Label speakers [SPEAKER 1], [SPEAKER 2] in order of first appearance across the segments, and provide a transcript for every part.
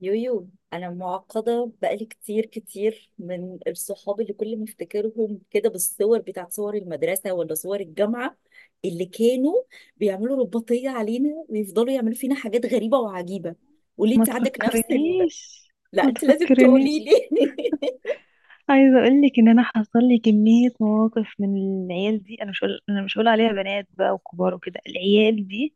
[SPEAKER 1] يويو انا معقده بقالي كتير من الصحاب اللي كل ما افتكرهم كده بالصور بتاعت صور المدرسه ولا صور الجامعه اللي كانوا بيعملوا رباطيه علينا ويفضلوا يعملوا فينا حاجات غريبه وعجيبه. وليه
[SPEAKER 2] ما
[SPEAKER 1] انت عندك نفس ال...
[SPEAKER 2] تفكرنيش.
[SPEAKER 1] لا
[SPEAKER 2] ما
[SPEAKER 1] انت لازم تقولي
[SPEAKER 2] تفكرنيش.
[SPEAKER 1] لي.
[SPEAKER 2] عايزه اقول لك ان انا حصل لي كميه مواقف من العيال دي، انا مش هقول عليها بنات بقى وكبار وكده، العيال دي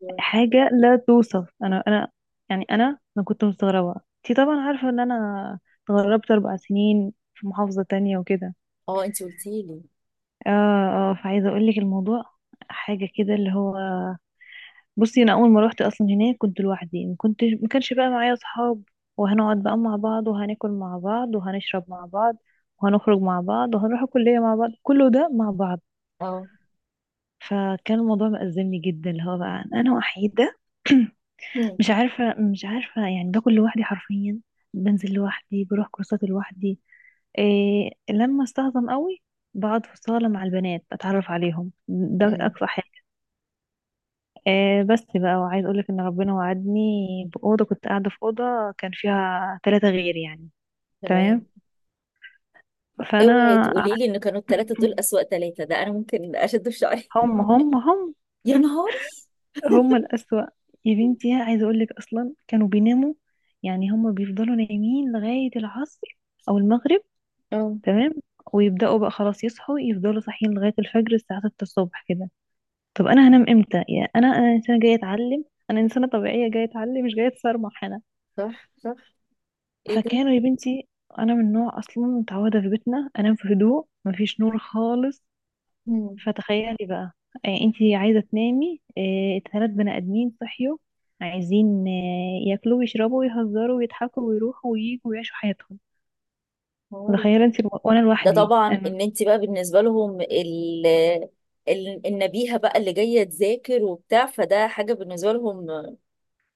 [SPEAKER 2] حاجه لا توصف. انا يعني انا كنت مستغربه. انتي طبعا عارفه ان انا اتغربت 4 سنين في محافظه تانية وكده.
[SPEAKER 1] اه انت قلتي لي.
[SPEAKER 2] اه، اه، فعايزه اقول لك الموضوع حاجه كده اللي هو، بصي، انا اول ما روحت اصلا هناك كنت لوحدي، ما كانش بقى معايا اصحاب، وهنقعد بقى مع بعض وهناكل مع بعض وهنشرب مع بعض وهنخرج مع بعض وهنروح الكلية مع بعض، كله ده مع بعض.
[SPEAKER 1] اه.
[SPEAKER 2] فكان الموضوع مأزمني جدا، اللي هو بقى انا وحيدة.
[SPEAKER 1] هم،
[SPEAKER 2] مش عارفة، مش عارفة، يعني باكل لوحدي حرفيا، بنزل لوحدي، بروح كورسات لوحدي، إيه لما استهضم قوي، بقعد في الصالة مع البنات، اتعرف عليهم، ده
[SPEAKER 1] هم،
[SPEAKER 2] اقصى. آه بس بقى. وعايز اقولك ان ربنا وعدني بأوضة، كنت قاعدة في أوضة كان فيها ثلاثة غير يعني.
[SPEAKER 1] تمام.
[SPEAKER 2] تمام. فانا
[SPEAKER 1] اوعي تقولي لي ان كانوا الثلاثه دول اسوأ ثلاثه، ده انا ممكن اشد في شعري.
[SPEAKER 2] هم، هم، هم،
[SPEAKER 1] يا نهاري.
[SPEAKER 2] هم الأسوأ. يا بنتي عايزة أقولك، أصلا كانوا بيناموا، يعني هم بيفضلوا نايمين لغاية العصر أو المغرب.
[SPEAKER 1] اه
[SPEAKER 2] تمام. ويبدأوا بقى، خلاص، يصحوا، يفضلوا صاحيين لغاية الفجر الساعة 6 الصبح كده. طب أنا هنام إمتى؟ يا أنا، أنا إنسانة جاية أتعلم، أنا إنسانة طبيعية جاية أتعلم، مش جاية أتسرمح.
[SPEAKER 1] صح صح. ايه ده.
[SPEAKER 2] فكانوا يا بنتي، انا من نوع اصلا متعوده في بيتنا انام في هدوء، مفيش نور خالص.
[SPEAKER 1] مم.
[SPEAKER 2] فتخيلي بقى، انتي عايزه تنامي، ثلاث بني ادمين صحيوا، عايزين ياكلوا ويشربوا ويهزروا ويضحكوا ويروحوا وييجوا ويعيشوا حياتهم.
[SPEAKER 1] موري.
[SPEAKER 2] تخيلي انتي، وانا
[SPEAKER 1] ده
[SPEAKER 2] لوحدي
[SPEAKER 1] طبعا
[SPEAKER 2] انا.
[SPEAKER 1] ان انت بقى بالنسبه لهم النبيهة بقى اللي جاية تذاكر وبتاع، فده حاجة بالنسبة لهم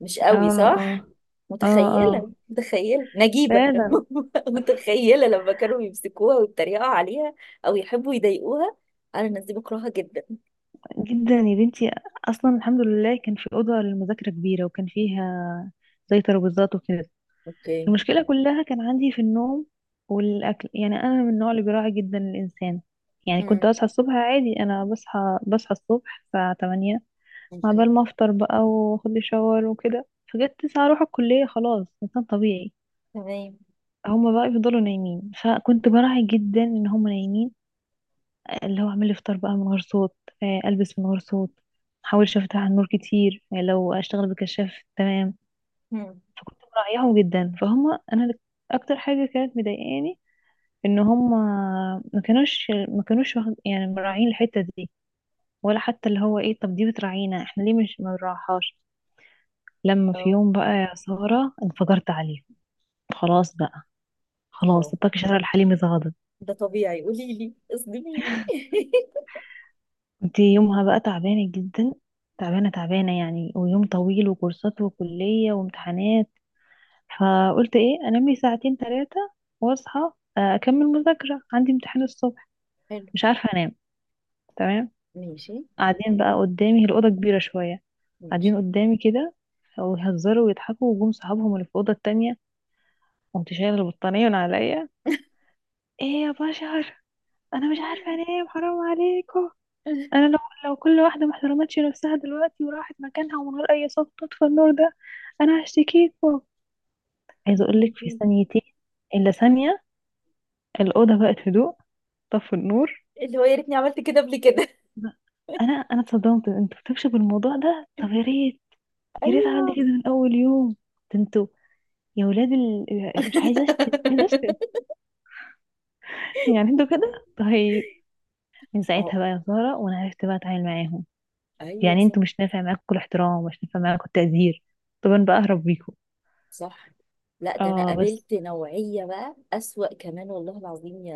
[SPEAKER 1] مش قوي
[SPEAKER 2] اه،
[SPEAKER 1] صح؟
[SPEAKER 2] اه، اه، اه،
[SPEAKER 1] متخيلة متخيلة نجيبة
[SPEAKER 2] فعلا.
[SPEAKER 1] متخيلة لما كانوا يمسكوها ويتريقوا عليها أو يحبوا يضايقوها. أنا الناس دي بكرهها جدا.
[SPEAKER 2] جدا يا بنتي. اصلا الحمد لله كان في اوضه للمذاكره كبيره، وكان فيها زي ترابيزات وكده.
[SPEAKER 1] اوكي.
[SPEAKER 2] المشكلة كلها كان عندي في النوم والأكل. يعني أنا من النوع اللي بيراعي جدا الإنسان. يعني كنت
[SPEAKER 1] امم.
[SPEAKER 2] أصحى الصبح عادي، أنا بصحى الصبح الساعة 8، مع
[SPEAKER 1] اوكي.
[SPEAKER 2] بال ما أفطر بقى وأخد لي شاور وكده، فجت 9 أروح الكلية، خلاص إنسان طبيعي.
[SPEAKER 1] تمام.
[SPEAKER 2] هما بقى يفضلوا نايمين، فكنت براعي جدا إن هما نايمين، اللي هو أعمل إفطار بقى من غير صوت، ألبس من غير صوت، محاولش أفتح النور كتير، لو أشتغل بكشاف. تمام.
[SPEAKER 1] امم.
[SPEAKER 2] فكنت مراعياهم جدا فهم أنا. أكتر حاجة كانت مضايقاني ان هم ما كانوش يعني مراعين الحتة دي، ولا حتى اللي هو ايه، طب دي بتراعينا احنا، ليه مش ما بنراعيهاش؟ لما في
[SPEAKER 1] اه
[SPEAKER 2] يوم بقى يا سارة، انفجرت عليهم. خلاص بقى، خلاص،
[SPEAKER 1] اه.
[SPEAKER 2] الطاقة شارع الحليمي اتغضب.
[SPEAKER 1] ده طبيعي، قولي لي اصدميني.
[SPEAKER 2] انت يومها بقى تعبانة جدا، تعبانة تعبانة يعني، ويوم طويل وكورسات وكلية وامتحانات. فقلت ايه، انام لي ساعتين ثلاثة واصحى، اكمل مذاكرة، عندي امتحان الصبح.
[SPEAKER 1] حلو.
[SPEAKER 2] مش عارفة انام. تمام.
[SPEAKER 1] ماشي.
[SPEAKER 2] قاعدين بقى قدامي، هي الأوضة كبيرة شوية، قاعدين
[SPEAKER 1] ماشي.
[SPEAKER 2] قدامي كده، ويهزروا ويضحكوا، وجم صحابهم اللي في الأوضة التانية. قمت شايلة البطانية من عليا، ايه يا بشر، انا مش عارفة انام، حرام عليكم. انا لو، لو كل واحدة ما احترمتش نفسها دلوقتي وراحت مكانها ومن غير اي صوت تطفى النور ده، انا هشتكيكوا.
[SPEAKER 1] يا
[SPEAKER 2] عايزة
[SPEAKER 1] نهار
[SPEAKER 2] اقولك في
[SPEAKER 1] أبيض.
[SPEAKER 2] ثانيتين، الا ثانية، الأوضة بقت هدوء، طفوا النور.
[SPEAKER 1] اللي هو يا ريتني عملت كده قبل كده.
[SPEAKER 2] انا اتصدمت. انتوا بتكشفوا الموضوع ده؟ طب يا ريت، يا ريت
[SPEAKER 1] ايوه.
[SPEAKER 2] عملت كده من اول يوم. ده انتوا يا ولاد مش عايزه اشتم، مش عايزه اشتم، يعني انتوا كده طيب؟ من
[SPEAKER 1] اه.
[SPEAKER 2] ساعتها بقى يا ساره، وانا عرفت بقى اتعامل معاهم.
[SPEAKER 1] ايوه
[SPEAKER 2] يعني
[SPEAKER 1] صح.
[SPEAKER 2] انتوا مش نافع معاكم الاحترام ومش نافع معاكم التقدير، طب انا بقى اهرب بيكم.
[SPEAKER 1] صح. لا ده انا
[SPEAKER 2] اه بس.
[SPEAKER 1] قابلت نوعيه بقى اسوأ كمان والله العظيم يا،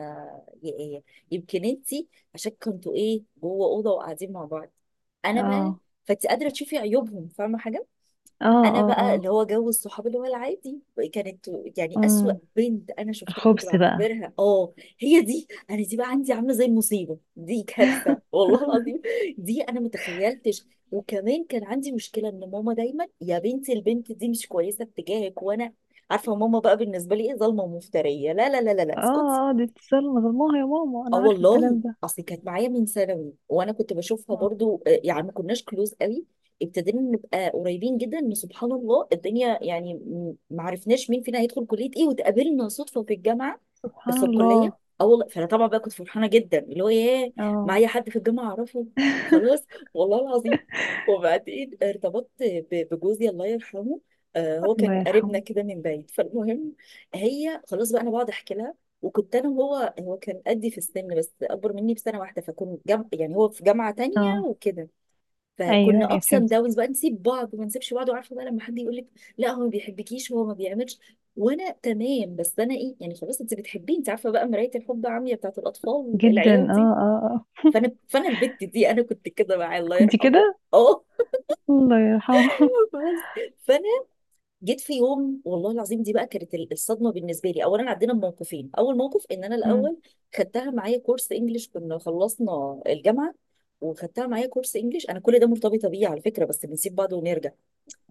[SPEAKER 1] يا ايه. يمكن انتي عشان كنتوا ايه جوه اوضه وقاعدين مع بعض. انا بقى،
[SPEAKER 2] اه،
[SPEAKER 1] فانت قادره تشوفي عيوبهم، فاهمه حاجه.
[SPEAKER 2] اه،
[SPEAKER 1] انا
[SPEAKER 2] اه،
[SPEAKER 1] بقى
[SPEAKER 2] اه.
[SPEAKER 1] اللي هو جو الصحاب اللي هو العادي، كانت يعني اسوأ
[SPEAKER 2] امم
[SPEAKER 1] بنت انا شفتها كنت
[SPEAKER 2] الخبز بقى.
[SPEAKER 1] بعتبرها اه، هي دي. انا دي بقى عندي عامله زي المصيبه، دي كارثه والله العظيم. دي انا متخيلتش. وكمان كان عندي مشكله ان ماما دايما يا بنتي البنت دي مش كويسه اتجاهك، وانا عارفه ماما بقى بالنسبه لي ايه، ظالمه ومفتريه، لا لا لا لا لا اسكتي.
[SPEAKER 2] اه، اه، دي اتصال ظلموها يا ماما،
[SPEAKER 1] اه
[SPEAKER 2] انا عارفه
[SPEAKER 1] والله.
[SPEAKER 2] الكلام ده.
[SPEAKER 1] اصل كانت معايا من ثانوي وانا كنت بشوفها
[SPEAKER 2] آه،
[SPEAKER 1] برضو يعني ما كناش كلوز قوي. ابتدينا نبقى قريبين جدا، ان سبحان الله الدنيا يعني ما عرفناش مين فينا هيدخل كليه ايه، واتقابلنا صدفه في الجامعه. بس
[SPEAKER 2] سبحان
[SPEAKER 1] في
[SPEAKER 2] الله.
[SPEAKER 1] الكليه اه والله. فانا طبعا بقى كنت فرحانه جدا، اللي هو ياه،
[SPEAKER 2] اه.
[SPEAKER 1] معايا حد في الجامعه اعرفه. خلاص، والله العظيم. وبعدين ارتبطت بجوزي الله يرحمه، هو
[SPEAKER 2] الله
[SPEAKER 1] كان قريبنا
[SPEAKER 2] يرحمه.
[SPEAKER 1] كده من بعيد، فالمهم هي خلاص بقى انا بقعد احكي لها. وكنت انا وهو، هو كان قدي في السن بس اكبر مني بسنه واحده، فكنا جم... يعني هو في جامعه تانية
[SPEAKER 2] اه،
[SPEAKER 1] وكده،
[SPEAKER 2] ايوه،
[SPEAKER 1] فكنا
[SPEAKER 2] ايوه،
[SPEAKER 1] ابس اند
[SPEAKER 2] فهمتك.
[SPEAKER 1] داونز بقى، نسيب بعض ما نسيبش بعض، وعارفه بقى لما حد يقول لك لا هو ما بيحبكيش، هو ما بيعملش، وانا تمام بس انا ايه، يعني خلاص انت بتحبيه، انت عارفه بقى مرايه الحب عمياء بتاعت الاطفال
[SPEAKER 2] جدا.
[SPEAKER 1] العيال
[SPEAKER 2] اه،
[SPEAKER 1] دي.
[SPEAKER 2] اه، اه.
[SPEAKER 1] فانا البت دي انا كنت كده معاه الله
[SPEAKER 2] كنت
[SPEAKER 1] يرحمه.
[SPEAKER 2] كده.
[SPEAKER 1] اه.
[SPEAKER 2] الله يرحمه.
[SPEAKER 1] بس، فانا جيت في يوم والله العظيم، دي بقى كانت الصدمه بالنسبه لي. اولا عدينا بموقفين، اول موقف ان انا الاول خدتها معايا كورس انجليش، كنا خلصنا الجامعه وخدتها معايا كورس انجليش. انا كل ده مرتبطه بيه على فكره، بس بنسيب بعض ونرجع.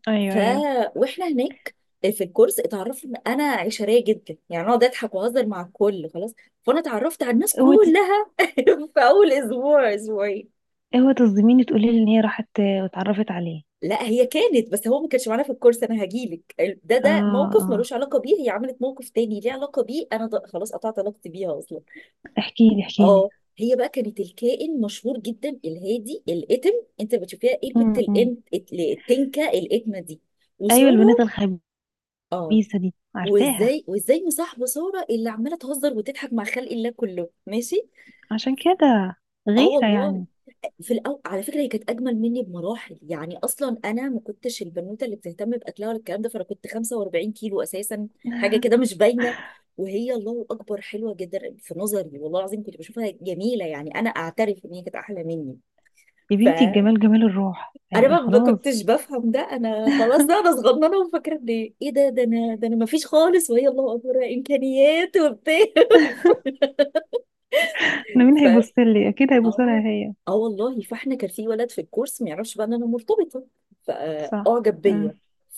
[SPEAKER 2] ايوه،
[SPEAKER 1] ف،
[SPEAKER 2] ايوه.
[SPEAKER 1] واحنا هناك في الكورس اتعرفت ان انا عشريه جدا، يعني اقعد اضحك واهزر مع الكل خلاص، فانا اتعرفت على الناس
[SPEAKER 2] اوعي تص-
[SPEAKER 1] كلها في اول اسبوع اسبوعين.
[SPEAKER 2] اوعي تصدميني، تقولي لي ان هي راحت واتعرفت عليه.
[SPEAKER 1] لا هي كانت، بس هو ما كانش معانا في الكورس، انا هجيلك. ده
[SPEAKER 2] اه،
[SPEAKER 1] ده موقف
[SPEAKER 2] اه،
[SPEAKER 1] ملوش علاقه بيه، هي عملت موقف تاني ليه علاقه بيه، انا خلاص قطعت علاقتي بيها اصلا.
[SPEAKER 2] احكي لي، احكي لي.
[SPEAKER 1] اه. هي بقى كانت الكائن مشهور جدا الهادي الاتم. انت بتشوفيها ايه البت
[SPEAKER 2] امم.
[SPEAKER 1] الانت التنكه الاتمه دي،
[SPEAKER 2] ايوه البنات
[SPEAKER 1] وساره.
[SPEAKER 2] الخبيثه
[SPEAKER 1] اه.
[SPEAKER 2] دي عارفاها.
[SPEAKER 1] وازاي وازاي مصاحبه ساره اللي عماله تهزر وتضحك مع خلق الله كله، ماشي.
[SPEAKER 2] عشان كده،
[SPEAKER 1] اه
[SPEAKER 2] غيره
[SPEAKER 1] والله.
[SPEAKER 2] يعني.
[SPEAKER 1] في الأول على فكرة هي كانت أجمل مني بمراحل، يعني أصلا أنا ما كنتش البنوتة اللي بتهتم بأكلها ولا الكلام ده، فأنا كنت 45 كيلو أساسا، حاجة كده مش باينة، وهي الله أكبر حلوة جدا في نظري والله العظيم، كنت بشوفها جميلة، يعني أنا أعترف إن هي كانت أحلى مني.
[SPEAKER 2] يا بنتي،
[SPEAKER 1] فأنا
[SPEAKER 2] الجمال جمال الروح يعني،
[SPEAKER 1] ما
[SPEAKER 2] خلاص.
[SPEAKER 1] كنتش بفهم ده، أنا خلاص ده أنا صغننة وفاكرة إن إيه ده، ده أنا ما فيش خالص، وهي الله أكبر إمكانيات وبتاع.
[SPEAKER 2] انا مين
[SPEAKER 1] ف،
[SPEAKER 2] هيبص لي، اكيد هيبص لها
[SPEAKER 1] اه.
[SPEAKER 2] هي.
[SPEAKER 1] اه والله. فاحنا كان في ولد في الكورس ما يعرفش بقى ان انا مرتبطه،
[SPEAKER 2] صح.
[SPEAKER 1] فاعجب
[SPEAKER 2] امم.
[SPEAKER 1] بيا،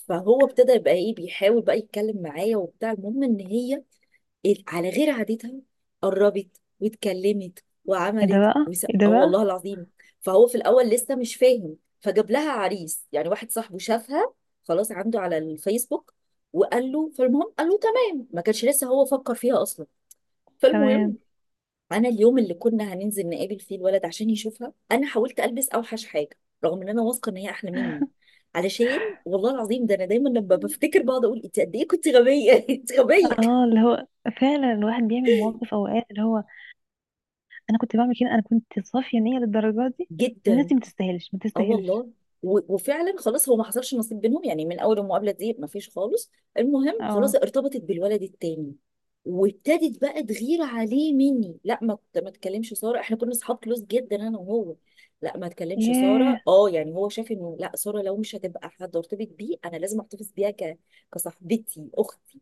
[SPEAKER 1] فهو ابتدى يبقى ايه بيحاول بقى يتكلم معايا وبتاع. المهم ان هي على غير عادتها قربت واتكلمت
[SPEAKER 2] ايه ده
[SPEAKER 1] وعملت
[SPEAKER 2] بقى،
[SPEAKER 1] وس...
[SPEAKER 2] ايه ده
[SPEAKER 1] اه
[SPEAKER 2] بقى؟
[SPEAKER 1] والله العظيم. فهو في الاول لسه مش فاهم، فجاب لها عريس يعني، واحد صاحبه شافها خلاص عنده على الفيسبوك، وقال له، فالمهم قال له تمام، ما كانش لسه هو فكر فيها اصلا.
[SPEAKER 2] تمام.
[SPEAKER 1] فالمهم انا اليوم اللي كنا هننزل نقابل فيه الولد عشان يشوفها، انا حاولت البس اوحش حاجه، رغم ان انا واثقه ان هي احلى مني، علشان، والله العظيم ده انا دايما لما بفتكر بقعد اقول انت قد ايه كنت غبيه. انت غبيه
[SPEAKER 2] اه، اللي هو فعلا الواحد بيعمل مواقف اوقات، اللي هو انا كنت بعمل كده، انا كنت صافيه نيه للدرجه دي. الناس
[SPEAKER 1] جدا.
[SPEAKER 2] دي ما تستاهلش، ما
[SPEAKER 1] اه
[SPEAKER 2] تستاهلش.
[SPEAKER 1] والله. وفعلا خلاص هو ما حصلش نصيب بينهم، يعني من اول المقابله دي ما فيش خالص. المهم خلاص
[SPEAKER 2] اه.
[SPEAKER 1] ارتبطت بالولد التاني، وابتدت بقى تغير عليه مني، لا ما تكلمش ساره، احنا كنا اصحاب كلوز جدا انا وهو. لا ما تكلمش
[SPEAKER 2] ياه.
[SPEAKER 1] ساره، اه يعني هو شاف انه لا ساره لو مش هتبقى حد ارتبط بيه انا لازم احتفظ بيها ك... كصاحبتي اختي.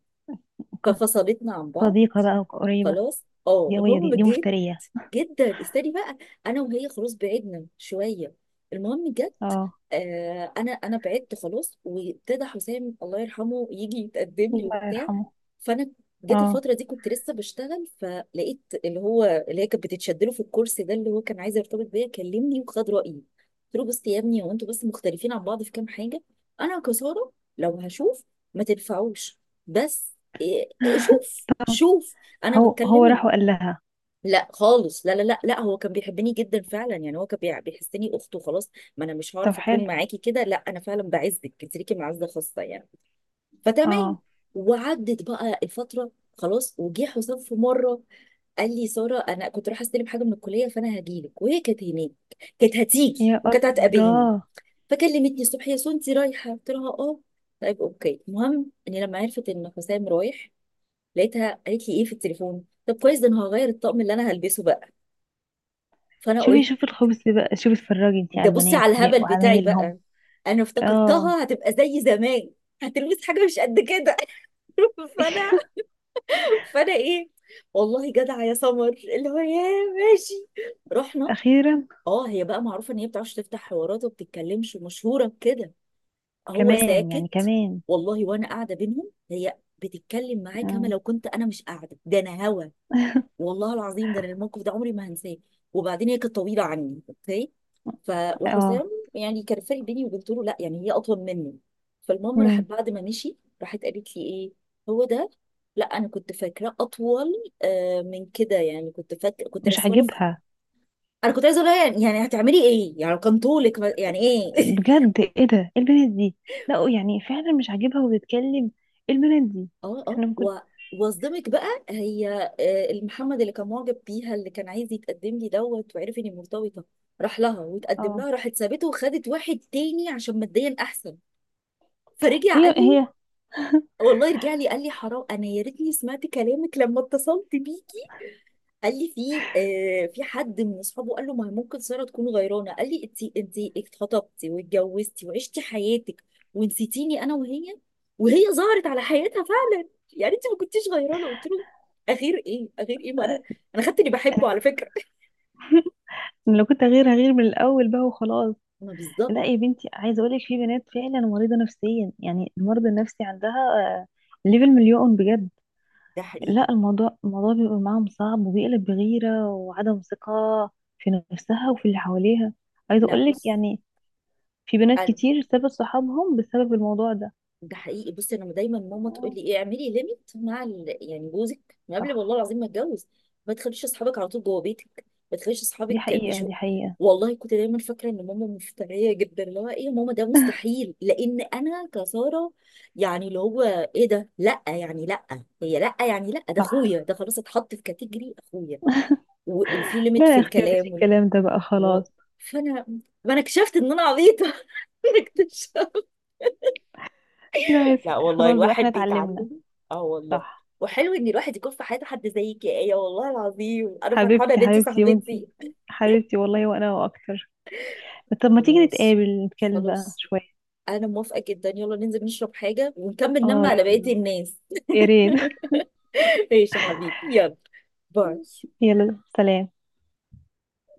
[SPEAKER 2] وكانت
[SPEAKER 1] ففصلتنا عن بعض
[SPEAKER 2] صديقة بقى وقريبة.
[SPEAKER 1] خلاص. اه.
[SPEAKER 2] دي قوية، دي
[SPEAKER 1] المهم
[SPEAKER 2] دي
[SPEAKER 1] جه،
[SPEAKER 2] مفترية.
[SPEAKER 1] جدا استني بقى، انا وهي خلاص بعدنا شويه. المهم جت،
[SPEAKER 2] اه.
[SPEAKER 1] آه انا، بعدت خلاص، وابتدى حسام الله يرحمه يجي يتقدم لي
[SPEAKER 2] الله
[SPEAKER 1] وبتاع.
[SPEAKER 2] يرحمه.
[SPEAKER 1] فانا جيت
[SPEAKER 2] اه.
[SPEAKER 1] الفتره دي كنت لسه بشتغل، فلقيت اللي هو اللي هي كانت بتتشدله في الكرسي ده، اللي هو كان عايز يرتبط بيا، كلمني وخد رايي، قلت له بص يا ابني هو انتوا بس مختلفين عن بعض في كام حاجه، انا كساره لو هشوف ما تنفعوش، بس إيه- إيه، شوف شوف انا
[SPEAKER 2] هو راح
[SPEAKER 1] بتكلم.
[SPEAKER 2] وقال لها؟
[SPEAKER 1] لا خالص لا لا لا لا، هو كان بيحبني جدا فعلا، يعني هو كان بيحسني اخته خلاص، ما انا مش
[SPEAKER 2] طب
[SPEAKER 1] هعرف
[SPEAKER 2] حلو.
[SPEAKER 1] اكون معاكي كده، لا انا فعلا بعزك انت ليكي معزه خاصه يعني. فتمام.
[SPEAKER 2] اه.
[SPEAKER 1] وعدت بقى الفتره، خلاص وجه حسام في مره، قال لي ساره انا كنت رايحه استلم حاجه من الكليه فانا هجيلك، وهي كانت هناك، كانت هتيجي
[SPEAKER 2] يا
[SPEAKER 1] وكانت هتقابلني،
[SPEAKER 2] الله.
[SPEAKER 1] فكلمتني الصبح يا سو انت رايحه، قلت لها اه، طيب اوكي. المهم اني لما عرفت ان حسام رايح لقيتها قالت لي ايه في التليفون، طب كويس ده انا هغير الطقم اللي انا هلبسه بقى. فانا
[SPEAKER 2] شوفي،
[SPEAKER 1] قلت،
[SPEAKER 2] شوفي الخبز بقى، شوفي، اتفرجي انتي
[SPEAKER 1] ده
[SPEAKER 2] على
[SPEAKER 1] بصي
[SPEAKER 2] البنات
[SPEAKER 1] على الهبل بتاعي
[SPEAKER 2] وعمايلهم.
[SPEAKER 1] بقى، انا
[SPEAKER 2] اه.
[SPEAKER 1] افتكرتها هتبقى زي زمان، هتلبس حاجه مش قد كده. فانا فانا ايه، والله جدعه يا سمر، اللي هو يا، ماشي، رحنا.
[SPEAKER 2] اخيرا.
[SPEAKER 1] اه. هي بقى معروفه ان هي بتعرفش تفتح حوارات وما بتتكلمش، مشهوره بكده. هو
[SPEAKER 2] كمان يعني
[SPEAKER 1] ساكت،
[SPEAKER 2] كمان.
[SPEAKER 1] والله وانا قاعده بينهم هي بتتكلم معاه كما
[SPEAKER 2] مم.
[SPEAKER 1] لو كنت انا مش قاعده، ده انا هوا. والله العظيم ده أنا الموقف ده عمري ما هنساه. وبعدين هي كانت طويله عني اوكي، ف،
[SPEAKER 2] اه.
[SPEAKER 1] وحسام يعني كان فرق بيني، وقلت له لا يعني هي اطول مني. فالمهم راحت
[SPEAKER 2] مم.
[SPEAKER 1] بعد ما مشي، راحت قالت لي ايه، هو ده؟ لا انا كنت فاكراه اطول من كده يعني، كنت فاكره كنت
[SPEAKER 2] مش
[SPEAKER 1] رسمه له.
[SPEAKER 2] عاجبها.
[SPEAKER 1] انا كنت عايزه اقول لها يعني، يعني هتعملي ايه يعني لو كان طولك ما- يعني ايه.
[SPEAKER 2] بجد، ايه ده؟ ايه البنت دي؟ لا يعني فعلا مش عاجبها وبتتكلم. ايه البنت دي؟
[SPEAKER 1] اه اه.
[SPEAKER 2] احنا ممكن.
[SPEAKER 1] و... واصدمك بقى، هي المحمد اللي كان معجب بيها اللي كان عايز يتقدم لي دوت وعرف اني مرتبطه، راح لها وتقدم
[SPEAKER 2] اه.
[SPEAKER 1] لها، راحت سابته وخدت واحد تاني عشان ماديا احسن. فرجع
[SPEAKER 2] هي،
[SPEAKER 1] قال لي،
[SPEAKER 2] هي.
[SPEAKER 1] والله رجع لي قال لي حرام، انا يا ريتني سمعت كلامك لما اتصلت بيه. قال لي في في حد من اصحابه قال له ما هي ممكن ساره تكون غيرانه، قال لي انت، اتخطبتي واتجوزتي وعشتي حياتك ونسيتيني انا وهي، وهي ظهرت على حياتها فعلا، يعني انت ما كنتيش غيرانه. قلت له اغير ايه اغير ايه، ما انا، انا خدت اللي بحبه
[SPEAKER 2] أنا
[SPEAKER 1] على فكره.
[SPEAKER 2] لو كنت هغير، هغير من الاول بقى وخلاص.
[SPEAKER 1] ما بالظبط.
[SPEAKER 2] لا يا بنتي، عايزه اقول لك، في بنات فعلا مريضه نفسيا، يعني المرض النفسي عندها آه، ليفل مليون بجد.
[SPEAKER 1] ده
[SPEAKER 2] لا،
[SPEAKER 1] حقيقي.
[SPEAKER 2] الموضوع، الموضوع بيبقى معاهم صعب، وبيقلب بغيره وعدم ثقه في نفسها وفي اللي حواليها. عايزه
[SPEAKER 1] لا
[SPEAKER 2] اقول لك
[SPEAKER 1] بص،
[SPEAKER 2] يعني، في بنات
[SPEAKER 1] أنا-،
[SPEAKER 2] كتير سابت صحابهم بسبب الموضوع ده.
[SPEAKER 1] ده حقيقي، بصي انا دايما ماما تقول
[SPEAKER 2] آه،
[SPEAKER 1] لي ايه اعملي ليميت مع ال... يعني جوزك من قبل والله
[SPEAKER 2] صح.
[SPEAKER 1] العظيم ما اتجوز، ما تخليش اصحابك على طول جوه بيتك، ما تخليش
[SPEAKER 2] دي
[SPEAKER 1] اصحابك
[SPEAKER 2] حقيقه،
[SPEAKER 1] بيشو.
[SPEAKER 2] دي حقيقه.
[SPEAKER 1] والله كنت دايما فاكره ان ماما مفتريه جدا، اللي هو ايه يا ماما ده مستحيل، لان انا كساره يعني، اللي هو ايه ده، لا يعني لا هي، لا يعني لا ده
[SPEAKER 2] صح.
[SPEAKER 1] اخويا، ده خلاص اتحط في كاتيجري اخويا، و... وفي ليميت
[SPEAKER 2] لا
[SPEAKER 1] في
[SPEAKER 2] يا اختي، مفيش
[SPEAKER 1] الكلام ولم...
[SPEAKER 2] الكلام ده بقى،
[SPEAKER 1] و...
[SPEAKER 2] خلاص.
[SPEAKER 1] فانا، ما انا اكتشفت ان انا عبيطه. انا اكتشفت.
[SPEAKER 2] لا يا
[SPEAKER 1] لا
[SPEAKER 2] ستي،
[SPEAKER 1] والله
[SPEAKER 2] خلاص بقى،
[SPEAKER 1] الواحد
[SPEAKER 2] احنا اتعلمنا.
[SPEAKER 1] بيتعلم. اه والله.
[SPEAKER 2] صح.
[SPEAKER 1] وحلو ان الواحد يكون في حياته حد زيك يا ايه، والله العظيم انا فرحانه
[SPEAKER 2] حبيبتي،
[SPEAKER 1] ان انت
[SPEAKER 2] حبيبتي، وانتي
[SPEAKER 1] صاحبتي.
[SPEAKER 2] حبيبتي والله، وانا واكتر. طب ما تيجي
[SPEAKER 1] خلاص.
[SPEAKER 2] نتقابل، نتكلم بقى
[SPEAKER 1] خلاص.
[SPEAKER 2] شوية.
[SPEAKER 1] انا موافقه جدا، يلا ننزل نشرب حاجه ونكمل نم
[SPEAKER 2] اه
[SPEAKER 1] على بقيه
[SPEAKER 2] يلا،
[SPEAKER 1] الناس.
[SPEAKER 2] يا ريت.
[SPEAKER 1] ماشي يا حبيبي يلا، باي.
[SPEAKER 2] يلا سلام.